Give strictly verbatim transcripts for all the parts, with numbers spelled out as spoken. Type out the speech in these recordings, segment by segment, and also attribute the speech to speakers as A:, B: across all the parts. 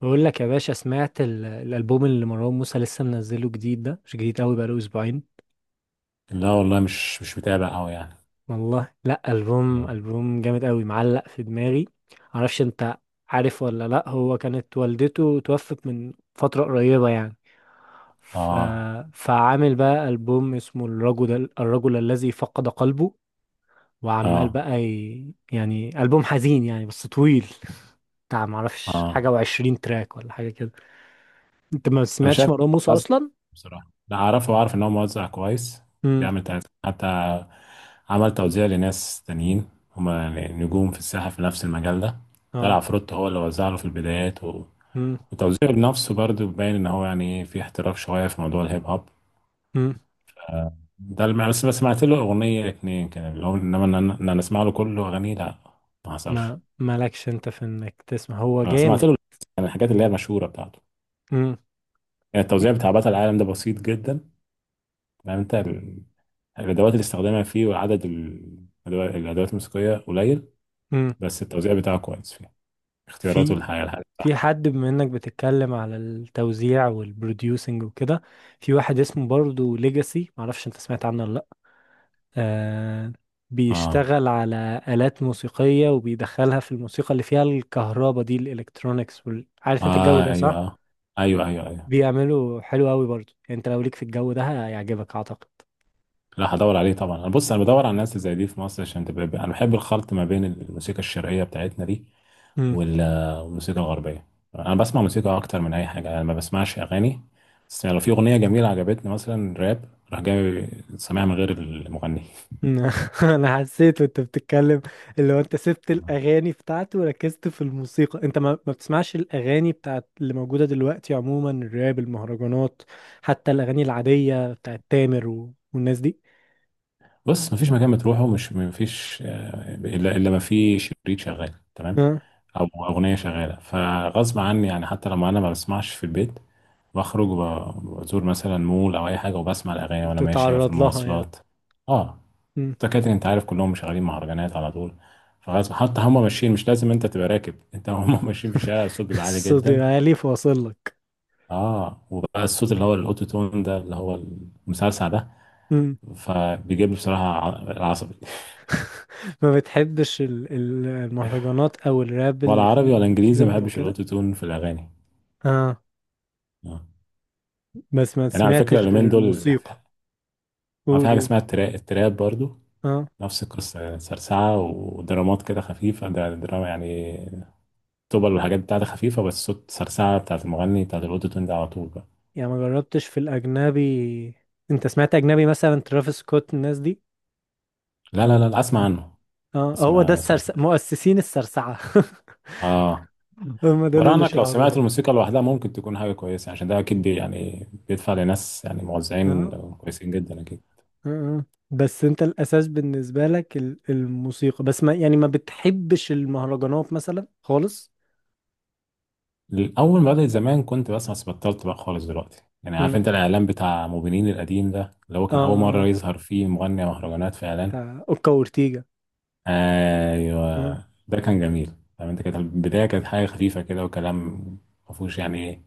A: بقول لك يا باشا، سمعت ال- الالبوم اللي مروان موسى لسه منزله جديد. ده مش جديد قوي، بقاله اسبوعين.
B: لا والله، مش مش متابع قوي يعني.
A: والله لا، البوم
B: مم.
A: البوم جامد قوي، معلق في دماغي. معرفش انت عارف ولا لا، هو كانت والدته توفت من فترة قريبة يعني. ف...
B: اه
A: فعامل بقى البوم اسمه الرجل الرجل الذي فقد قلبه. وعمال
B: اه.
A: بقى ي... يعني البوم حزين يعني، بس طويل بتاع معرفش،
B: اه.
A: حاجة وعشرين تراك ولا حاجة كده. انت ما
B: انا
A: سمعتش
B: شايف
A: مروان موسى
B: موزع.
A: اصلا؟
B: بصراحه لا اعرفه واعرف ان هو موزع كويس.
A: امم.
B: بيعمل تلاتة حتى، عمل توزيع لناس تانيين، هما يعني نجوم في الساحه في نفس المجال ده. طلع فروتو هو اللي وزع له في البدايات و...
A: اه.
B: وتوزيعه لنفسه برضه، باين ان هو يعني ايه، في احتراف شويه في موضوع الهيب هوب.
A: مم.
B: آه، ده اللي بس بس سمعت له اغنيه اتنين كده، اللي هو انما ان انا إن أنا اسمع له كله اغانيه لا. ما حصلش.
A: ما مالكش انت في انك تسمع، هو
B: اه،
A: جامد.
B: سمعت له يعني الحاجات اللي هي المشهوره بتاعته.
A: مم.
B: يعني
A: في.
B: التوزيع بتاع بطل العالم ده بسيط جدا. يعني انت ال- الادوات اللي استخدمها فيه، وعدد ال- الادوات الأدوات الموسيقيه قليل.
A: مم.
B: بس التوزيع بتاعه كويس، فيه اختياراته
A: في
B: الحقيقه الحقيقه
A: في
B: صح.
A: حد بما انك بتتكلم على التوزيع والبروديوسنج وكده، في واحد اسمه برضو ليجاسي، معرفش انت سمعت عنه ولا لا. آه،
B: اه.
A: بيشتغل على آلات موسيقية وبيدخلها في الموسيقى اللي فيها الكهرباء دي، الالكترونيكس وال... عارف انت الجو
B: اه.
A: ده
B: ايوه.
A: صح؟
B: اه. ايوه، ايوه، ايوه.
A: بيعملوا حلو قوي برضو، يعني انت لو ليك في الجو ده هيعجبك اعتقد.
B: لا، هدور عليه طبعا. انا بص، انا بدور على الناس اللي زي دي في مصر عشان تبقى، انا بحب الخلط ما بين الموسيقى الشرقيه بتاعتنا دي وال- والموسيقى الغربية. أنا بسمع موسيقى أكتر من أي حاجة. أنا ما بسمعش أغاني. بس لو في أغنية جميلة عجبتني، مثلا راب، راح جاي سامعها من غير المغني.
A: انا حسيت وانت بتتكلم، اللي هو انت سبت الاغاني بتاعته وركزت في الموسيقى. انت ما, ما بتسمعش الاغاني بتاعت اللي موجوده دلوقتي عموما، الراب، المهرجانات، حتى الاغاني العاديه بتاعت تامر و... والناس دي.
B: بص، مفيش مكان بتروحه مش مفيش آه، إلا إلا ما في شريط شغال تمام،
A: ها،
B: أو أغنية شغالة، فغصب عني. يعني حتى لما أنا ما بسمعش في البيت، بخرج وب- بزور مثلا مول أو أي حاجة، وبسمع الأغاني وأنا ماشي في
A: تتعرض لها يعني.
B: المواصلات. اه.
A: مم.
B: الدكاترة انت عارف كلهم شغالين مهرجانات على طول، فغصب حتى، هم ماشيين، مش لازم انت تبقى راكب، انت هم ماشيين في الشارع، الصوت بيبقى عالي
A: الصوت
B: جدا.
A: العالي فاصل لك.
B: اه، وبقى الصوت اللي هو الاوتو تون ده، اللي هو المسلسع ده،
A: مم.
B: فبيجيب لي بصراحة ع- العصبي.
A: ما بتحبش ال- ال- المهرجانات او الراب
B: ولا
A: اللي فيه
B: عربي ولا انجليزي، ما
A: اوتوتيون او
B: بحبش
A: كده؟
B: الاوتو تون في الاغاني.
A: اه.
B: اه.
A: بس ما
B: يعني على فكرة
A: سمعتش غير
B: اليومين دول،
A: الموسيقى.
B: ما في
A: قول
B: حاجة
A: قول
B: اسمها التراب، التراب برضو
A: اه.
B: نفس القصة، يعني سرسعة ودرامات كده خفيفة، ده دراما يعني، طبل والحاجات بتاعتها خفيفة، بس صوت سرسعة بتاعت المغني بتاعت الاوتو تون ده على طول بقى.
A: يعني ما جربتش في الأجنبي؟ أنت سمعت أجنبي مثلا ترافيس سكوت الناس دي؟
B: لا، لا،
A: أو
B: لا اسمع
A: عن-
B: عنه.
A: اه،
B: بس
A: هو ده
B: ما ما
A: السرس...
B: سمعتوش.
A: مؤسسين السرسعة.
B: اه.
A: هم دول اللي
B: ورانك، لو سمعت
A: شهروها.
B: الموسيقى لوحدها ممكن تكون حاجه كويسه، عشان ده اكيد بي يعني بيدفع لناس، يعني موزعين
A: اه.
B: كويسين جدا اكيد.
A: اه. آه. بس أنت الأساس بالنسبة لك ال- الموسيقى بس، ما يعني ما بتحبش المهرجانات مثلا خالص.
B: الاول ما بدات زمان كنت بسمع، بس بطلت بقى خالص دلوقتي. يعني عارف
A: مم.
B: انت الاعلان بتاع موبينيل القديم ده، اللي هو كان اول مره
A: اه،
B: يظهر فيه مغني مهرجانات في اعلان.
A: بتاع أوكا وأورتيجا.
B: ايوه،
A: آه.
B: ده كان جميل. فاهم انت، كانت البدايه كانت حاجه خفيفه كده، وكلام ما فيهوش يعني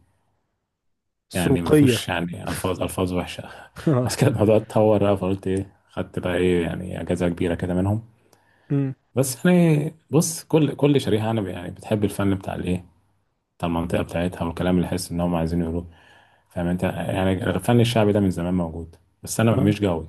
B: يعني ما
A: سوقية.
B: فيهوش يعني الفاظ، الفاظ وحشه. بس
A: اه.
B: كده الموضوع اتطور بقى، فقلت ايه، خدت بقى ايه يعني اجازه كبيره كده منهم.
A: مم.
B: بس يعني بص، كل كل شريحه انا يعني بتحب الفن بتاع الايه، بتاع المنطقه بتاعتها، والكلام اللي حاسس ان هم عايزين يقولوه. فاهم انت، يعني الفن الشعبي ده من زمان موجود، بس انا
A: آه.
B: مش جوي.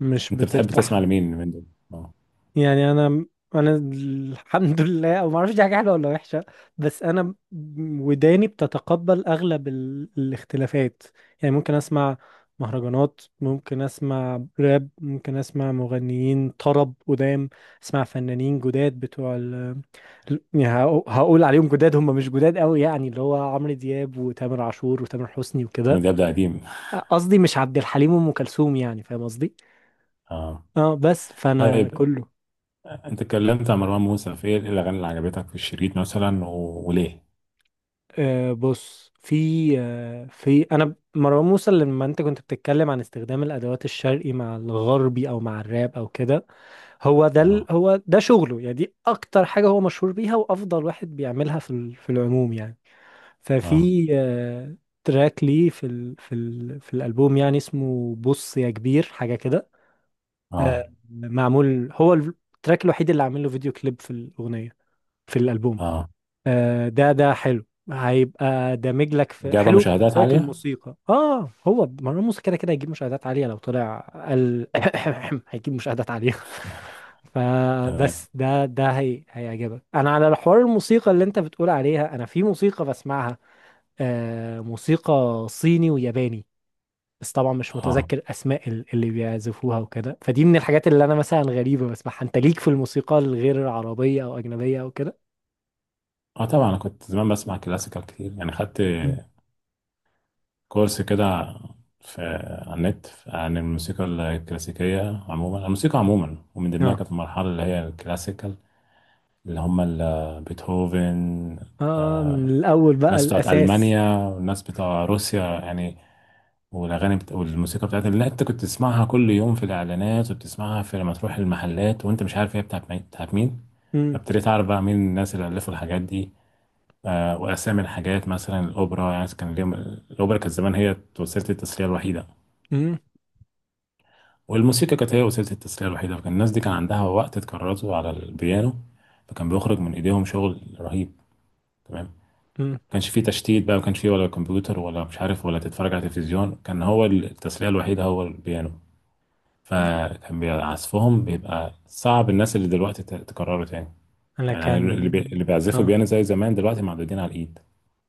A: مش
B: انت بتحب
A: بترتاح.
B: تسمع لمين من دول؟ اه.
A: يعني انا، انا الحمد لله، او ما اعرفش دي حاجه حلوه ولا وحشه. بس انا، ب- وداني بتتقبل اغلب ال... الاختلافات. يعني ممكن اسمع مهرجانات، ممكن اسمع راب، ممكن اسمع مغنيين طرب قدام، اسمع فنانين جداد بتوع ال... ال- يعني هقو- هقول عليهم جداد، هم مش جداد قوي يعني، اللي هو عمرو دياب وتامر عاشور وتامر حسني
B: عمرو
A: وكده.
B: دياب ده قديم.
A: قصدي مش عبد الحليم وام كلثوم، يعني فاهم قصدي.
B: اه.
A: اه، بس فانا
B: طيب،
A: كله.
B: انت اتكلمت عن مروان موسى، في ايه الاغاني اللي عجبتك في الشريط مثلا و... وليه؟
A: آه، بص، في آه في انا، مروان موسى لما انت كنت بتتكلم عن استخدام الادوات الشرقي مع الغربي او مع الراب او كده، هو ده ال-
B: اه.
A: هو ده شغله يعني، دي اكتر حاجه هو مشهور بيها وافضل واحد بيعملها في ال- في العموم يعني.
B: اه.
A: ففي آه تراك ليه في ال في ال في الالبوم يعني، اسمه بص يا كبير، حاجه كده.
B: اه.
A: آه، معمول، هو التراك الوحيد اللي عامل له فيديو كليب، في الاغنيه، في الالبوم.
B: اه،
A: آه، ده ده حلو، هيبقى دامج لك في،
B: وجايبه
A: حلو
B: مشاهدات
A: بالنسبه لك
B: عاليه.
A: الموسيقى، اه هو. ما هو الموسيقى كده كده هيجيب مشاهدات عاليه لو طلع. قال هيجيب مشاهدات عاليه.
B: تمام.
A: فبس ده ده هي هيعجبك. انا على حوار الموسيقى اللي انت بتقول عليها، انا في موسيقى بسمعها، آه، موسيقى صيني وياباني. بس طبعا مش
B: اه.
A: متذكر اسماء ال- اللي بيعزفوها وكده. فدي من الحاجات اللي انا مثلا غريبه بسمعها. انت ليك في الموسيقى الغير عربيه او اجنبيه او كده؟
B: اه، طبعا انا كنت زمان بسمع كلاسيكال كتير، يعني خدت
A: مم.
B: كورس كده في على النت عن الموسيقى الكلاسيكية عموما، الموسيقى عموما، ومن ضمنها
A: اه.
B: كانت المرحلة اللي هي الكلاسيكال، اللي هم ال- بيتهوفن،
A: اه، من الاول بقى،
B: الناس بتاعت
A: الاساس.
B: ألمانيا، والناس بتاع روسيا يعني. والأغاني بت... والموسيقى بتاعت اللي أنت كنت تسمعها كل يوم في الإعلانات، وبتسمعها في لما تروح المحلات وأنت مش عارف هي بتاعت مين بتاعت مين.
A: امم.
B: فابتديت أعرف بقى مين الناس اللي ألفوا الحاجات دي. آه، واسامي الحاجات، مثلا الاوبرا، يعني كان اليوم، الاوبرا كانت زمان هي وسيله التسليه الوحيده،
A: امم.
B: والموسيقى كانت هي وسيله التسليه الوحيده، فكان الناس دي كان عندها وقت تكرسه على البيانو، فكان بيخرج من ايديهم شغل رهيب. تمام، ما
A: امم.
B: كانش فيه تشتيت بقى، ما كانش فيه ولا كمبيوتر ولا مش عارف، ولا تتفرج على تلفزيون، كان هو التسليه الوحيده هو البيانو. فكان بي- عزفهم بيبقى صعب الناس اللي دلوقتي ت- تكرره تاني.
A: انا
B: يعني اللي بي-
A: كان.
B: اللي بيعزفوا
A: اه،
B: بيانو زي زمان دلوقتي معدودين على الايد.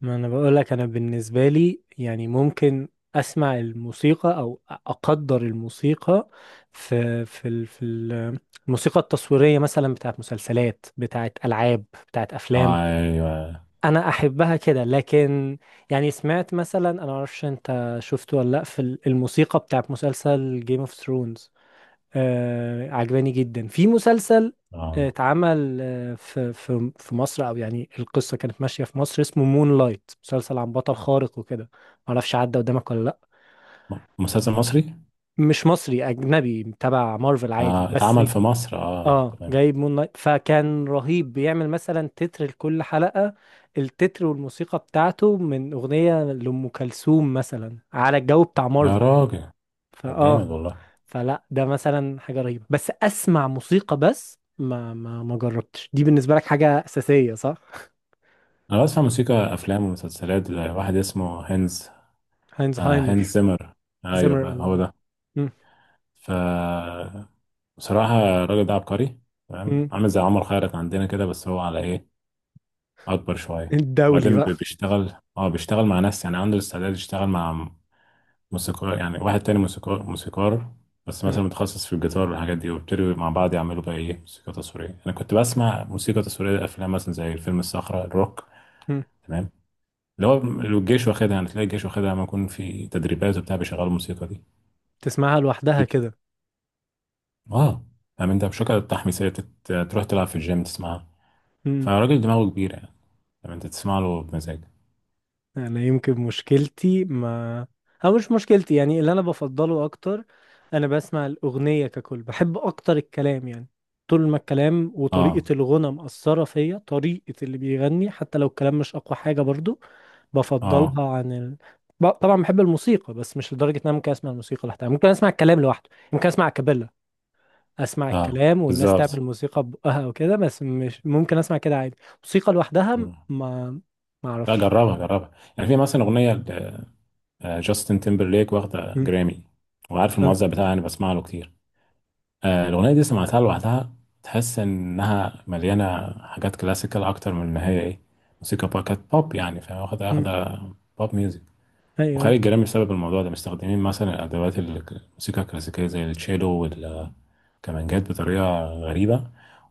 A: ما انا بقول لك، انا بالنسبه لي يعني ممكن اسمع الموسيقى او اقدر الموسيقى، في في ال- في ال- الموسيقى التصويريه مثلا، بتاعت مسلسلات، بتاعت العاب، بتاعت افلام.
B: ايوه.
A: انا احبها كده. لكن يعني سمعت مثلا، انا معرفش انت شفته ولا لا، في ال- الموسيقى بتاعت مسلسل جيم اوف ثرونز، آه عجباني جدا. في مسلسل آه،
B: آه.
A: اتعمل آه، في في في مصر، او يعني القصه كانت ماشيه في مصر، اسمه مون لايت، مسلسل عن بطل خارق وكده، معرفش عدى قدامك ولا لا.
B: م- مسلسل مصري؟
A: مش مصري، اجنبي تبع مارفل عادي
B: آه،
A: بس.
B: اتعمل في مصر، اه
A: اه،
B: تمام.
A: جايب مون لايت، فكان رهيب بيعمل مثلا تتر لكل حلقه، التتر والموسيقى بتاعته من اغنيه لام كلثوم مثلا على الجو بتاع
B: يا
A: مارفل.
B: راجل، طب جامد
A: فاه،
B: والله.
A: فلا ده مثلا حاجة رهيبة بس اسمع موسيقى. بس ما ما ما جربتش، دي بالنسبة لك حاجة أساسية صح؟
B: انا بسمع موسيقى افلام ومسلسلات ل- واحد اسمه هينز. آه، هينز
A: هاينزهايمر،
B: زيمر، ايوه
A: زمر.
B: بقى هو ده.
A: مم.
B: ف، بصراحة الراجل ده عبقري. تمام،
A: مم.
B: عامل زي عمر خيرت عندنا كده، بس هو على ايه اكبر شوية.
A: الدولي
B: بعدين ب-
A: بقى.
B: بيشتغل اه بيشتغل مع ناس، يعني عنده الاستعداد يشتغل مع موسيقار، يعني واحد تاني موسيقار موسيقار، بس
A: مم.
B: مثلا متخصص في الجيتار والحاجات دي، وابتدوا مع بعض يعملوا بقى ايه، موسيقى تصويرية. انا كنت بسمع موسيقى تصويرية لأفلام، مثلا زي فيلم الصخرة الروك.
A: مم.
B: تمام، اللي هو لو الجيش واخدها يعني، تلاقي الجيش واخدها لما يكون في تدريبات وبتاع، بيشغلوا الموسيقى دي.
A: تسمعها
B: دي
A: لوحدها
B: بت-
A: كده.
B: اه فاهم انت بشكل التحميسية، تت- تروح تلعب في الجيم تسمعها. فالراجل دماغه كبيرة يعني، فاهم انت، تسمع له بمزاج.
A: انا يمكن مشكلتي، ما او مش مشكلتي يعني، اللي انا بفضله اكتر، انا بسمع الاغنيه ككل، بحب اكتر الكلام يعني. طول ما الكلام
B: اه.
A: وطريقه الغنى مأثره فيا، طريقه اللي بيغني، حتى لو الكلام مش اقوى حاجه برضو
B: اه.
A: بفضلها عن ال... ب- طبعا بحب الموسيقى، بس مش لدرجه ان انا ممكن اسمع الموسيقى لوحدها. ممكن اسمع الكلام لوحده، ممكن اسمع كابيلا، اسمع
B: اه،
A: الكلام والناس تعمل
B: بالظبط.
A: موسيقى ببقها وكده. بس مش ممكن اسمع كده عادي، موسيقى لوحدها.
B: مم.
A: ما ما
B: لا،
A: اعرفش.
B: جربها جربها. يعني في مثلا أغنية آه، جاستن تيمبرليك واخدة
A: مم.
B: جرامي، وعارف الموزع بتاعها، يعني بسمع له كتير. آه، الأغنية دي سمعتها لوحدها، تحس إنها مليانة حاجات كلاسيكال أكتر من إن هي إيه، موسيقى بقى كانت بوب يعني، فاهم، واخدة
A: أه.
B: واخدة بوب ميوزك.
A: ايوه ايوه.
B: وخارج جرامي بسبب الموضوع ده، مستخدمين مثلا الأدوات ال- الموسيقى الكلاسيكية زي التشيلو والكمانجات بطريقة غريبة،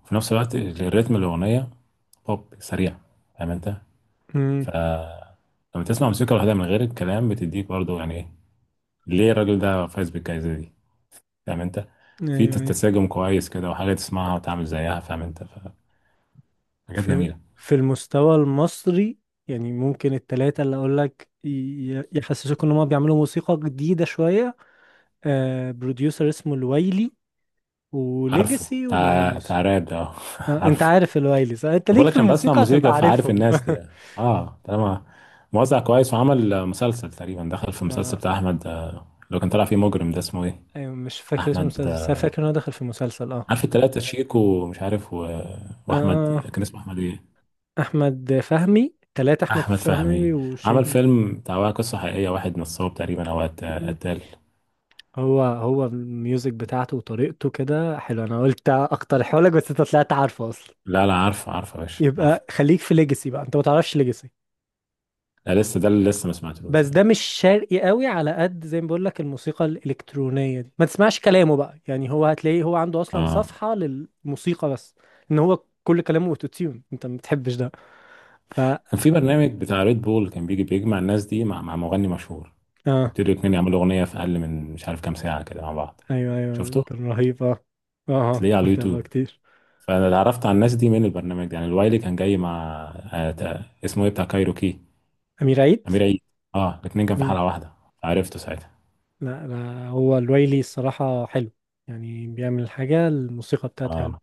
B: وفي نفس الوقت الريتم الأغنية بوب سريع، فاهم أنت؟
A: امم.
B: ف، لما تسمع موسيقى لوحدها من غير الكلام، بتديك برضو يعني إيه، ليه الراجل ده فايز بالجائزة دي، فاهم انت. في
A: ايوه ايوه.
B: تساجم كويس كده، وحاجة تسمعها وتعمل زيها فاهم انت. ف- حاجات
A: في،
B: جميلة.
A: في المستوى المصري، يعني ممكن التلاتة اللي اقول لك ي- يحسسوك ان هم بيعملوا موسيقى جديدة شوية. آه، بروديوسر اسمه الويلي،
B: عارفه
A: وليجاسي، ومروان
B: تع...
A: موسى.
B: تعراب ده
A: آه، انت
B: عارفه.
A: عارف الويلي صح، انت
B: أنا
A: ليك
B: بقول
A: في
B: لك انا بسمع
A: الموسيقى هتبقى
B: موسيقى، فعارف
A: عارفهم.
B: الناس دي. اه طالما موزع كويس، وعمل آه، مسلسل تقريبا، دخل في المسلسل
A: آه.
B: بتاع احمد آه، اللي كان طالع فيه مجرم، ده اسمه ايه؟
A: ايوه، مش فاكر اسم
B: احمد.
A: المسلسل، بس أنا
B: آه،
A: فاكر ان هو دخل في مسلسل. اه.
B: عارف التلاتة شيكو، ومش عارف و... واحمد
A: اه،
B: كان اسمه احمد ايه؟
A: احمد فهمي، تلاتة، احمد
B: احمد
A: فهمي
B: فهمي.
A: وشيك.
B: عمل فيلم بتاع قصة حقيقية، واحد نصاب تقريبا او قت- قتال.
A: هو هو الميوزك بتاعته وطريقته كده حلو، انا قلت اقترحه لك بس انت طلعت عارفه اصلا.
B: لا، لا، عارفه عارفه يا باشا عارفه.
A: يبقى خليك في ليجاسي بقى، انت ما تعرفش ليجاسي.
B: لا، لسه، ده اللي لسه ما سمعتلوش.
A: بس ده
B: اه.
A: مش شرقي قوي على قد زي ما بقول لك، الموسيقى الالكترونيه دي، ما تسمعش كلامه بقى يعني، هو هتلاقيه هو عنده اصلا
B: اه،
A: صفحه للموسيقى بس، ان هو كل كلامه اوتو تيون، انت ما بتحبش ده. ف،
B: كان في برنامج بتاع ريد بول، كان بيجي بيجمع الناس دي مع مع مغني مشهور،
A: اه.
B: وابتدوا الاتنين يعملوا اغنيه في اقل من مش عارف كام ساعه كده مع بعض.
A: ايوه ايوه،
B: شفته؟
A: كان رهيب اه. اه آه،
B: هتلاقيه على
A: متابعه
B: اليوتيوب.
A: كتير.
B: فانا اللي عرفت على الناس دي من البرنامج ده، يعني الوايلي كان جاي مع آه تا- اسمه ايه بتاع كايروكي؟
A: امير عيد.
B: امير عيد. اه، الاتنين كان في حلقه واحده، عرفته ساعتها.
A: لا لا، هو الويلي الصراحة حلو، يعني بيعمل حاجة، الموسيقى بتاعته حلو.
B: اه.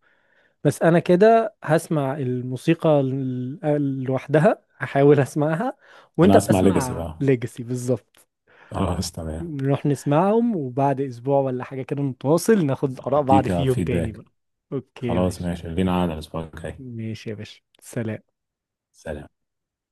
A: بس أنا كده هسمع الموسيقى ال- لوحدها، هحاول أسمعها، وأنت
B: انا اسمع ليجاسي
A: بسمع
B: بقى،
A: ليجاسي بالظبط.
B: خلاص تمام.
A: نروح نسمعهم وبعد أسبوع ولا حاجة كده نتواصل ناخد آراء بعض
B: هديك
A: فيهم تاني
B: فيدباك.
A: بقى. أوكي يا
B: خلاص،
A: باشا.
B: ماشي لينا، عاد الاسبوع الجاي.
A: ماشي يا باشا، سلام.
B: سلام.